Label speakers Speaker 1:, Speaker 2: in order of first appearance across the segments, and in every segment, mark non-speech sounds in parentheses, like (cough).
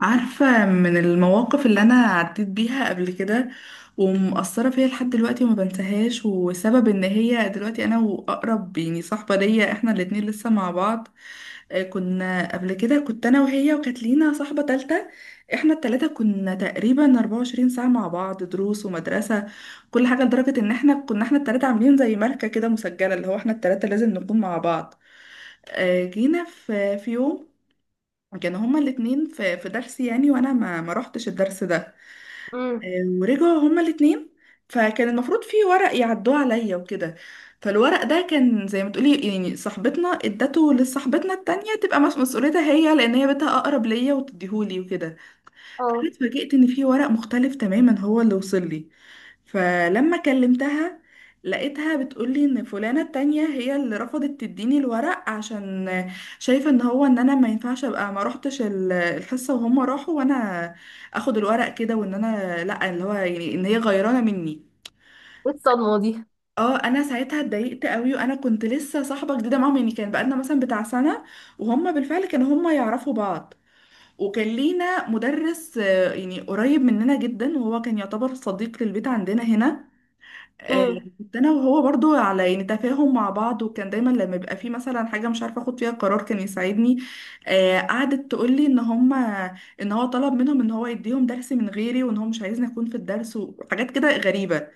Speaker 1: عارفة من المواقف اللي أنا عديت بيها قبل كده، ومأثرة فيا لحد دلوقتي وما بنساهاش، وسبب إن هي دلوقتي أنا وأقرب يعني صاحبة ليا إحنا الاتنين لسه مع بعض. كنا قبل كده، كنت أنا وهي وكانت لينا صاحبة تالتة. إحنا التلاتة كنا تقريبا 24 ساعة مع بعض، دروس ومدرسة كل حاجة، لدرجة إن إحنا كنا إحنا التلاتة عاملين زي ماركة كده مسجلة، اللي هو إحنا التلاتة لازم نكون مع بعض. جينا في يوم كانوا هما الاتنين في درس يعني، وانا ما رحتش الدرس ده.
Speaker 2: امم
Speaker 1: ورجعوا هما الاتنين، فكان المفروض في ورق يعدوه عليا وكده. فالورق ده كان زي ما تقولي يعني صاحبتنا ادته لصاحبتنا التانية تبقى مسؤوليتها هي، لان هي بنتها اقرب ليا وتديهولي وكده.
Speaker 2: اه
Speaker 1: أنا اتفاجئت ان في ورق مختلف تماما هو اللي وصل لي. فلما كلمتها لقيتها بتقولي ان فلانة التانية هي اللي رفضت تديني الورق، عشان شايفة ان هو ان انا ما ينفعش ابقى ما روحتش الحصة وهم راحوا، وانا اخد الورق كده، وان انا لا اللي هو يعني ان هي غيرانة مني.
Speaker 2: ايه الصدمة دي؟
Speaker 1: اه، انا ساعتها اتضايقت قوي، وانا كنت لسه صاحبة جديدة معاهم يعني، كان بقالنا مثلا بتاع سنة، وهم بالفعل كانوا هم يعرفوا بعض. وكان لينا مدرس، يعني قريب مننا جدا وهو كان يعتبر صديق للبيت عندنا هنا. آه،
Speaker 2: امم
Speaker 1: كنت انا وهو برضو على يعني تفاهم مع بعض، وكان دايما لما يبقى في مثلا حاجه مش عارفه اخد فيها قرار كان يساعدني. قعدت تقول لي ان هم ان هو طلب منهم ان هو يديهم درس من غيري، وان هو مش عايزني اكون في الدرس، وحاجات كده غريبه.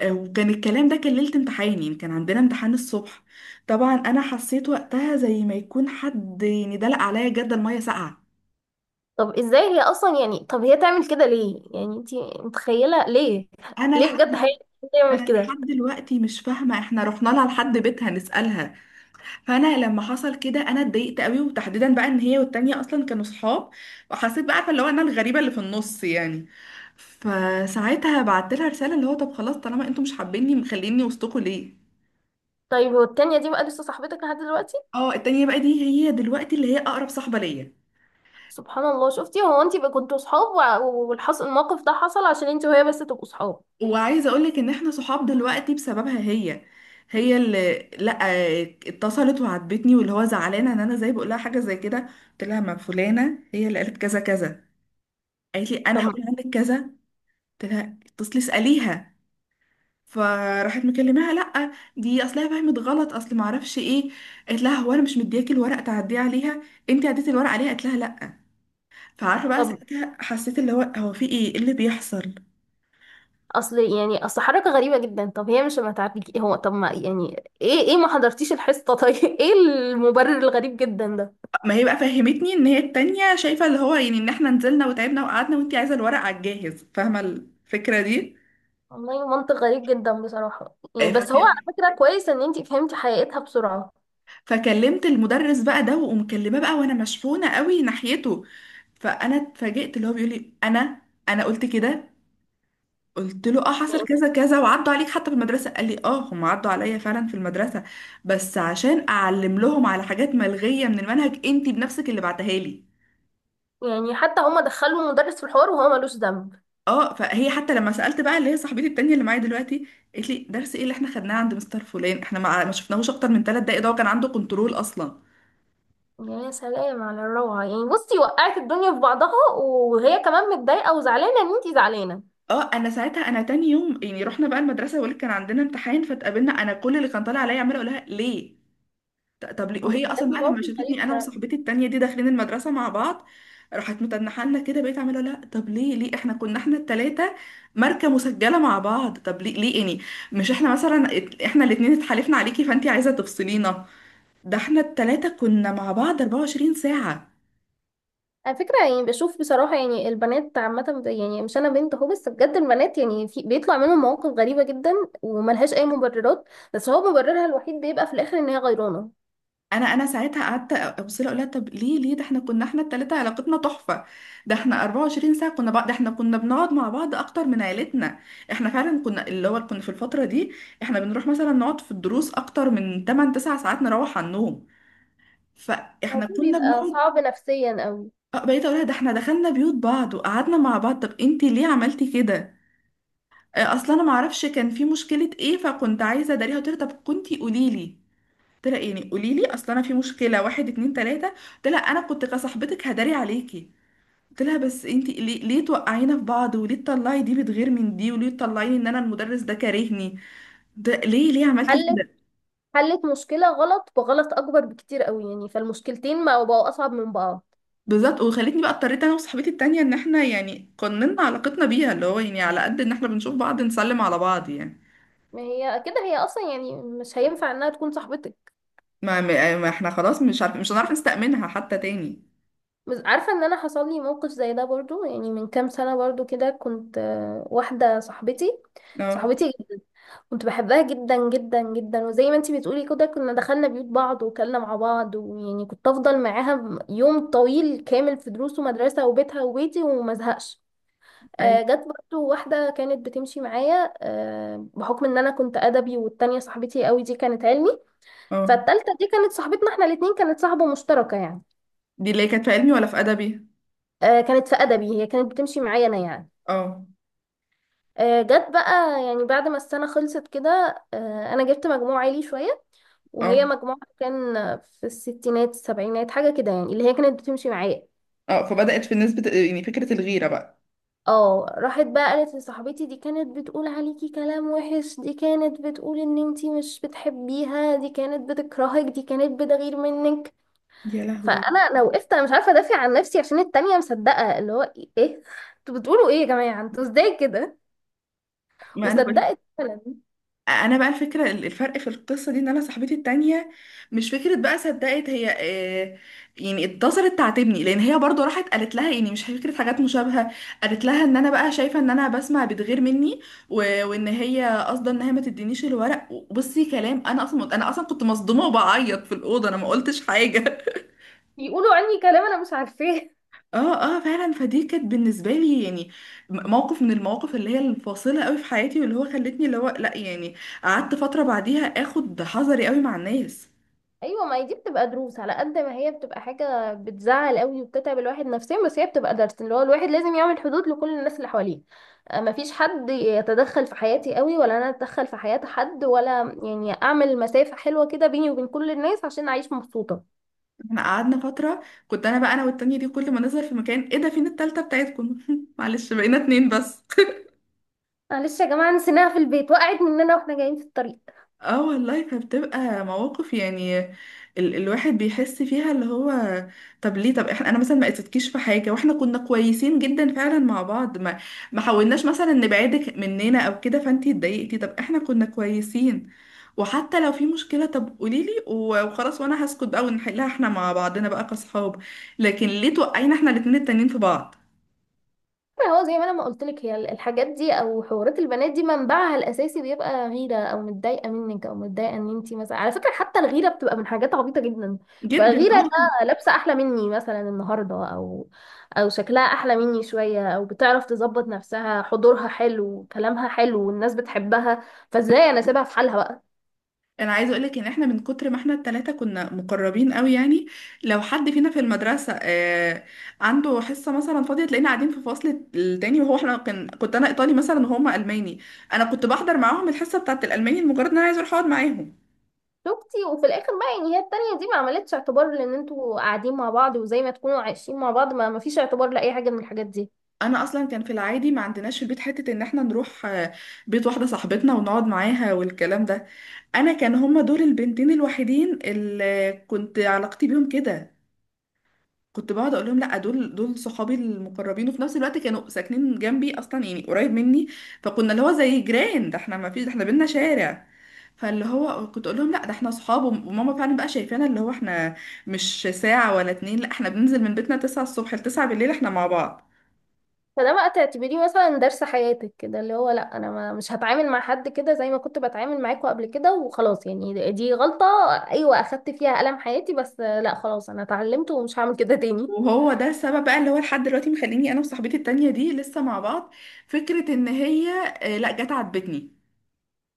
Speaker 1: وكان الكلام ده كان ليله امتحان يعني، كان عندنا امتحان الصبح. طبعا انا حسيت وقتها زي ما يكون حد يعني دلق عليا جدا ميه ساقعه.
Speaker 2: طب ازاي هي اصلا؟ يعني طب هي تعمل كده ليه؟ يعني انتي متخيلة ليه؟
Speaker 1: انا
Speaker 2: بجد هي
Speaker 1: لحد
Speaker 2: تعمل
Speaker 1: انا لحد
Speaker 2: كده؟
Speaker 1: دلوقتي مش فاهمه، احنا رحنا لها لحد بيتها نسالها. فانا لما حصل كده انا اتضايقت قوي، وتحديدا بقى ان هي والتانية اصلا كانوا صحاب، وحسيت بقى عارفه اللي هو انا الغريبه اللي في النص يعني. فساعتها بعت لها رساله اللي هو طب خلاص طالما انتوا مش حابيني مخليني وسطكوا ليه؟
Speaker 2: طيب، هو التانية دي بقى لسه صاحبتك لحد دلوقتي؟
Speaker 1: اه، التانية بقى دي هي دلوقتي اللي هي اقرب صاحبه ليا.
Speaker 2: سبحان الله! شفتي، هو انتي بقى كنتوا صحاب، والحص الموقف ده حصل عشان انتي وهي بس تبقوا صحاب.
Speaker 1: وعايزه اقولك ان احنا صحاب دلوقتي بسببها هي. هي اللي لا، اتصلت وعاتبتني، واللي هو زعلانه ان انا زي بقول لها حاجه زي كده. قلت لها ما فلانه هي اللي قالت كذا كذا. قالت لي انا هقول
Speaker 2: طب
Speaker 1: عنك كذا. قلت لها اتصلي اساليها. فراحت مكلماها، لا دي اصلها فهمت غلط، اصل ما اعرفش ايه. قالت لها هو انا مش مدياكي الورق تعديه عليها؟ انت عديتي الورق عليها؟ قالت لها لا. فعارفه بقى
Speaker 2: طب
Speaker 1: ساعتها حسيت اللي هو هو في ايه، إيه اللي بيحصل.
Speaker 2: اصل يعني اصل حركة غريبة جدا. طب هي مش ما تعرفك؟ هو طب ما يعني ايه ما حضرتيش الحصة؟ طيب، (laughs) ايه المبرر الغريب جدا ده؟
Speaker 1: ما هي بقى فهمتني ان هي التانية شايفة اللي هو يعني ان احنا نزلنا وتعبنا وقعدنا وانتي عايزة الورق على الجاهز، فاهمة الفكرة دي.
Speaker 2: والله منطق غريب جدا بصراحة، يعني
Speaker 1: آه،
Speaker 2: بس هو
Speaker 1: فك-
Speaker 2: على فكرة كويس ان انتي فهمتي حقيقتها بسرعة.
Speaker 1: فكلمت المدرس بقى ده، ومكلمة بقى وانا مشحونة قوي ناحيته. فانا اتفاجئت اللي هو بيقول لي انا انا قلت كده. قلت له اه حصل
Speaker 2: يعني
Speaker 1: كذا كذا وعدوا عليك حتى في المدرسة. قال لي اه هم عدوا عليا فعلا في المدرسة، بس عشان اعلم لهم على حاجات ملغية من المنهج، انتي بنفسك اللي بعتها لي.
Speaker 2: يعني حتى هما دخلوا مدرس في الحوار وهو ملوش ذنب.
Speaker 1: اه، فهي حتى لما سألت بقى اللي هي صاحبتي التانية اللي معايا دلوقتي، قالت لي درس ايه اللي احنا خدناه عند مستر فلان؟ احنا ما شفناهوش اكتر من ثلاث دقايق، ده هو كان عنده كنترول اصلا.
Speaker 2: يا سلام على الروعة! يعني بصي، وقعت الدنيا في بعضها وهي كمان متضايقة وزعلانة ان انتي زعلانة.
Speaker 1: اه، انا ساعتها انا تاني يوم يعني رحنا بقى المدرسه، بقولك كان عندنا امتحان، فاتقابلنا انا كل اللي كان طالع عليا عماله اقول لها ليه؟ طب ليه؟ وهي اصلا
Speaker 2: بجد
Speaker 1: بقى لما
Speaker 2: موقف غريب
Speaker 1: شافتني انا
Speaker 2: فعلا.
Speaker 1: وصاحبتي التانية دي داخلين المدرسه مع بعض، راحت متنحه لنا كده. بقيت عماله اقول لها طب ليه ليه؟ احنا كنا احنا التلاته ماركه مسجله مع بعض، طب ليه ليه يعني؟ مش احنا مثلا احنا الاتنين اتحالفنا عليكي فانتي عايزه تفصلينا؟ ده احنا التلاتة كنا مع بعض 24 ساعة.
Speaker 2: على فكرة يعني، بشوف بصراحة يعني البنات عامة، يعني مش أنا بنت أهو، بس بجد البنات يعني في بيطلع منهم مواقف غريبة جدا وملهاش أي مبررات، بس هو مبررها الوحيد بيبقى في الآخر إن هي غيرانة.
Speaker 1: انا انا ساعتها قعدت ابص لها اقول لها طب ليه ليه؟ ده احنا كنا احنا التلاتة علاقتنا تحفة، ده احنا 24 ساعة كنا بعض، ده احنا كنا بنقعد مع بعض اكتر من عيلتنا. احنا فعلا كنا اللي هو كنا في الفترة دي احنا بنروح مثلا نقعد في الدروس اكتر من 8 9 ساعات، نروح على النوم. فاحنا
Speaker 2: الموضوع
Speaker 1: كنا
Speaker 2: بيبقى
Speaker 1: بنقعد.
Speaker 2: صعب نفسيا أوي.
Speaker 1: اه، بقيت اقول لها ده احنا دخلنا بيوت بعض وقعدنا مع بعض، طب انتي ليه عملتي كده؟ اه، اصلا انا معرفش كان في مشكلة ايه، فكنت عايزة اداريها. قلت لها طب كنتي قوليلي، قلت لها يعني قولي لي اصل انا في مشكله واحد اتنين تلاته، قلت لها انا كنت كصاحبتك هداري عليكي. قلت لها بس انتي ليه ليه توقعينا في بعض؟ وليه تطلعي دي بتغير من دي؟ وليه تطلعيني ان انا المدرس ده كارهني؟ ده ليه ليه عملتي
Speaker 2: حلت
Speaker 1: كده؟
Speaker 2: حلت مشكلة غلط بغلط أكبر بكتير قوي، يعني فالمشكلتين ما بقوا أصعب من بعض.
Speaker 1: بالظبط. وخلتني بقى اضطريت انا وصاحبتي التانيه ان احنا يعني قننا علاقتنا بيها، اللي هو يعني على قد ان احنا بنشوف بعض نسلم على بعض يعني.
Speaker 2: ما هي كده هي أصلا يعني مش هينفع إنها تكون صاحبتك.
Speaker 1: ما احنا خلاص مش عارف مش هنعرف نستأمنها حتى تاني.
Speaker 2: بس عارفة إن أنا حصل لي موقف زي ده برضو، يعني من كام سنة، برضو كده كنت واحدة صاحبتي،
Speaker 1: اه،
Speaker 2: صاحبتي جدا. كنت بحبها جدا جدا جدا، وزي ما انتي بتقولي كده، كنا دخلنا بيوت بعض وكلنا مع بعض، ويعني كنت أفضل معاها يوم طويل كامل في دروس ومدرسة وبيتها وبيتي ومزهقش.
Speaker 1: اي،
Speaker 2: جت برضو واحدة كانت بتمشي معايا، بحكم ان انا كنت ادبي والتانية صاحبتي قوي دي كانت علمي.
Speaker 1: اه.
Speaker 2: فالتالتة دي كانت صاحبتنا احنا الاتنين، كانت صاحبة مشتركة يعني.
Speaker 1: دي اللي هي كانت في علمي ولا في ادبي؟
Speaker 2: كانت في ادبي، هي كانت بتمشي معايا انا يعني.
Speaker 1: اه،
Speaker 2: جت بقى يعني بعد ما السنة خلصت كده، انا جبت مجموع عالي شوية، وهي
Speaker 1: اه،
Speaker 2: مجموعها كان في الستينات السبعينات حاجة كده، يعني اللي هي كانت بتمشي معايا.
Speaker 1: اه. فبدأت في الناس يعني فكرة الغيرة بقى.
Speaker 2: اه، راحت بقى قالت لصاحبتي دي كانت بتقول عليكي كلام وحش، دي كانت بتقول ان انتي مش بتحبيها، دي كانت بتكرهك، دي كانت بتغير منك.
Speaker 1: يا
Speaker 2: فانا
Speaker 1: لهوي.
Speaker 2: انا وقفت، انا مش عارفه ادافع عن نفسي عشان التانية مصدقه. اللي هو إيه؟ انتوا بتقولوا ايه يا جماعه؟ انتوا ازاي كده؟
Speaker 1: ما انا بقول
Speaker 2: وصدقت فعلا.
Speaker 1: انا بقى الفكرة، الفرق في القصة دي ان انا صاحبتي التانية مش فكرة بقى صدقت هي. يعني اتصلت تعاتبني لان هي برضو راحت قالت لها يعني مش فكرة حاجات مشابهة. قالت لها ان انا بقى شايفة ان انا بسمع بتغير مني و... وان هي قصده ان هي ما تدينيش الورق. بصي، كلام انا اصلا انا اصلا كنت مصدومة وبعيط في الأوضة، انا ما قلتش حاجة (laughs)
Speaker 2: بيقولوا عني كلام انا مش عارفاه.
Speaker 1: اه، اه، فعلا. فدي كانت بالنسبه لي يعني موقف من المواقف اللي هي الفاصله قوي في حياتي، واللي هو خلتني اللي هو لا يعني قعدت فتره بعديها اخد حذري قوي مع الناس.
Speaker 2: ايوه، ما هي دي بتبقى دروس، على قد ما هي بتبقى حاجه بتزعل قوي وبتتعب الواحد نفسيا، بس هي بتبقى درس، اللي هو الواحد لازم يعمل حدود لكل الناس اللي حواليه. ما فيش حد يتدخل في حياتي قوي، ولا انا اتدخل في حياه حد، ولا يعني اعمل مسافه حلوه كده بيني وبين كل الناس عشان اعيش مبسوطه.
Speaker 1: احنا قعدنا فتره كنت انا بقى انا والتانية دي كل ما نظهر في مكان، ايه ده؟ فين التالتة بتاعتكم؟ (laughs) معلش بقينا اتنين بس.
Speaker 2: معلش يا جماعه، نسيناها في البيت، وقعت مننا واحنا جايين في الطريق.
Speaker 1: اه والله، فبتبقى مواقف يعني ال الواحد بيحس فيها اللي هو طب ليه؟ طب احنا انا مثلا ما قصدتكيش في حاجه، واحنا كنا كويسين جدا فعلا مع بعض، ما حاولناش مثلا نبعدك مننا او كده، فانتي اتضايقتي. طب احنا كنا كويسين، وحتى لو في مشكله طب قولي لي وخلاص، وانا هسكت بقى ونحلها احنا مع بعضنا بقى كاصحاب. لكن ليه توقعينا احنا الاتنين التانيين في بعض؟
Speaker 2: ما هو زي ما انا ما قلت لك، هي الحاجات دي او حوارات البنات دي منبعها الاساسي بيبقى غيره، او متضايقه منك، او متضايقه ان انت مثلا. على فكره حتى، الغيره بتبقى من حاجات عبيطه جدا. بقى
Speaker 1: جدا،
Speaker 2: غيره
Speaker 1: آه.
Speaker 2: انها لابسه احلى مني مثلا النهارده، او شكلها احلى مني شويه، او بتعرف تظبط نفسها، حضورها حلو، كلامها حلو، والناس بتحبها، فازاي انا سيبها في حالها بقى.
Speaker 1: انا عايزه اقولك ان احنا من كتر ما احنا التلاتة كنا مقربين قوي يعني، لو حد فينا في المدرسه، عنده حصه مثلا فاضيه تلاقينا قاعدين في فصل التاني، وهو احنا كان كنت انا ايطالي مثلا وهما الماني، انا كنت بحضر معاهم الحصه بتاعه الالماني لمجرد ان انا عايزه اروح اقعد معاهم.
Speaker 2: شفتي، وفي الاخر بقى يعني هي التانية دي ما عملتش اعتبار لان انتوا قاعدين مع بعض وزي ما تكونوا عايشين مع بعض، ما فيش اعتبار لاي حاجه من الحاجات دي.
Speaker 1: انا اصلا كان في العادي ما عندناش في البيت حته ان احنا نروح بيت واحده صاحبتنا ونقعد معاها والكلام ده. انا كان هما دول البنتين الوحيدين اللي كنت علاقتي بيهم كده، كنت بقعد اقول لهم لا دول صحابي المقربين، وفي نفس الوقت كانوا ساكنين جنبي اصلا يعني قريب مني، فكنا اللي هو زي جيران، ده احنا ما فيش ده احنا بينا شارع. فاللي هو كنت اقول لهم لا ده احنا صحاب، وماما فعلا بقى شايفانا اللي هو احنا مش ساعة ولا اتنين، لا احنا بننزل من بيتنا 9 الصبح ل 9 بالليل احنا مع بعض.
Speaker 2: فده بقى تعتبريه مثلا درس حياتك كده، اللي هو لا، انا ما مش هتعامل مع حد كده زي ما كنت بتعامل معاكوا قبل كده وخلاص، يعني دي غلطة. ايوه اخدت فيها ألم حياتي، بس لا خلاص، انا اتعلمت ومش هعمل كده تاني.
Speaker 1: وهو ده السبب بقى اللي هو لحد دلوقتي مخليني انا وصاحبتي التانية دي لسه مع بعض. فكرة ان هي لا جت عاتبتني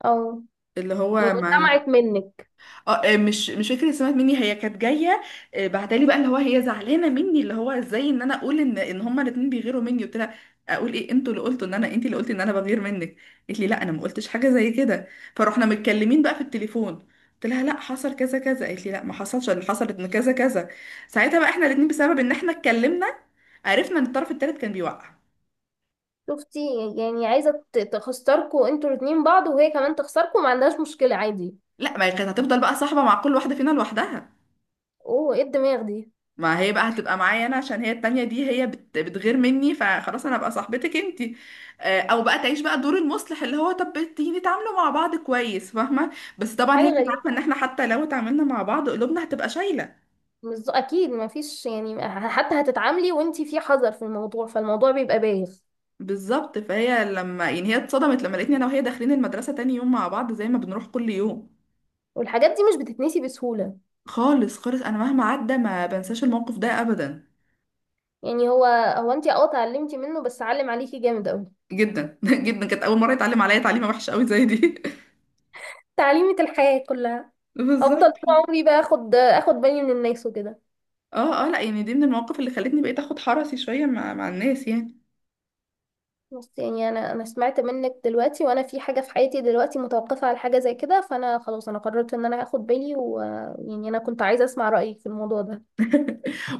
Speaker 2: او
Speaker 1: اللي
Speaker 2: يعني،
Speaker 1: هو ما،
Speaker 2: سمعت منك.
Speaker 1: اه، آه، مش مش فاكره سمعت مني، هي كانت جايه. بعتلي بقى اللي هو هي زعلانه مني، اللي هو ازاي ان انا اقول ان ان هما الاتنين بيغيروا مني. قلت لها اقول ايه؟ انتوا اللي قلتوا ان انا، انتي اللي قلتي ان انا بغير منك. قالت لي لا انا ما قلتش حاجه زي كده. فروحنا متكلمين بقى في التليفون، قلت لها لا حصل كذا كذا، قالت لي لا ما حصلش، اللي حصلت ان كذا كذا. ساعتها بقى احنا الاتنين بسبب ان احنا اتكلمنا عرفنا ان الطرف التالت كان بيوقع.
Speaker 2: شفتي، يعني عايزة تخسركوا انتوا الاتنين بعض وهي كمان تخسركوا، ما عندهاش مشكلة عادي.
Speaker 1: لا، ما هي كانت هتفضل بقى صاحبه مع كل واحده فينا لوحدها.
Speaker 2: اوه، ايه الدماغ دي!
Speaker 1: ما هي بقى هتبقى معايا انا عشان هي التانية دي هي بتغير مني فخلاص انا ابقى صاحبتك انتي. او بقى تعيش بقى دور المصلح اللي هو طب تيجي نتعاملوا مع بعض كويس، فاهمة. بس طبعا هي
Speaker 2: حاجة
Speaker 1: كانت
Speaker 2: غريبة.
Speaker 1: عارفة ان احنا حتى لو اتعاملنا مع بعض قلوبنا هتبقى شايلة.
Speaker 2: مش ذو- اكيد ما فيش، يعني حتى هتتعاملي وانتي في حذر في الموضوع، فالموضوع بيبقى بايخ.
Speaker 1: بالظبط. فهي لما يعني هي اتصدمت لما لقيتني انا وهي داخلين المدرسة تاني يوم مع بعض زي ما بنروح كل يوم.
Speaker 2: والحاجات دي مش بتتنسي بسهولة.
Speaker 1: خالص خالص، انا مهما عدى ما بنساش الموقف ده ابدا.
Speaker 2: يعني هو انت اتعلمتي منه بس علم عليكي جامد قوي.
Speaker 1: جدا (laughs) جدا، كانت اول مرة يتعلم عليا تعليمة وحشة قوي زي دي.
Speaker 2: تعليمة الحياة كلها.
Speaker 1: (laughs)
Speaker 2: افضل
Speaker 1: بالظبط.
Speaker 2: طول عمري بقى اخد بالي من الناس وكده.
Speaker 1: اه، اه، لا يعني دي من المواقف اللي خلتني بقيت اخد حرصي شويه مع الناس يعني.
Speaker 2: بس يعني، انا سمعت منك دلوقتي وانا في حاجة في حياتي دلوقتي متوقفة على حاجة زي كده، فانا خلاص، انا قررت ان انا هاخد بالي، ويعني انا كنت عايزة اسمع رأيك في الموضوع ده.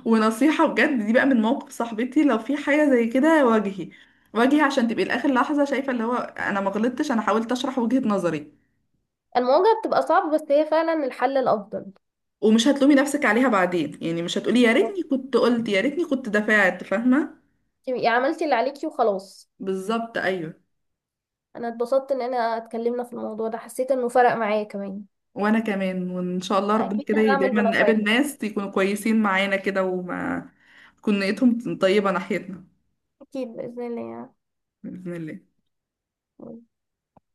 Speaker 1: ونصيحه بجد دي بقى من موقف صاحبتي، لو في حاجه زي كده واجهي، واجهي عشان تبقي لاخر لحظه شايفه اللي هو انا ما غلطتش، انا حاولت اشرح وجهه نظري.
Speaker 2: المواجهة بتبقى صعبة، بس هي فعلا الحل الافضل.
Speaker 1: ومش هتلومي نفسك عليها بعدين يعني، مش هتقولي يا
Speaker 2: طب
Speaker 1: ريتني كنت قلت، يا ريتني كنت دفعت، فاهمه.
Speaker 2: تبقي عملتي اللي عليكي وخلاص.
Speaker 1: بالظبط ايوه.
Speaker 2: انا اتبسطت ان انا اتكلمنا في الموضوع ده، حسيت انه فرق معايا كمان.
Speaker 1: وانا كمان، وان شاء الله ربنا
Speaker 2: اكيد
Speaker 1: كده
Speaker 2: هعمل
Speaker 1: دايما نقابل
Speaker 2: بنصايحك.
Speaker 1: ناس يكونوا كويسين معانا كده وما تكون نيتهم طيبه ناحيتنا.
Speaker 2: اكيد باذن الله.
Speaker 1: باذن الله.
Speaker 2: يعني.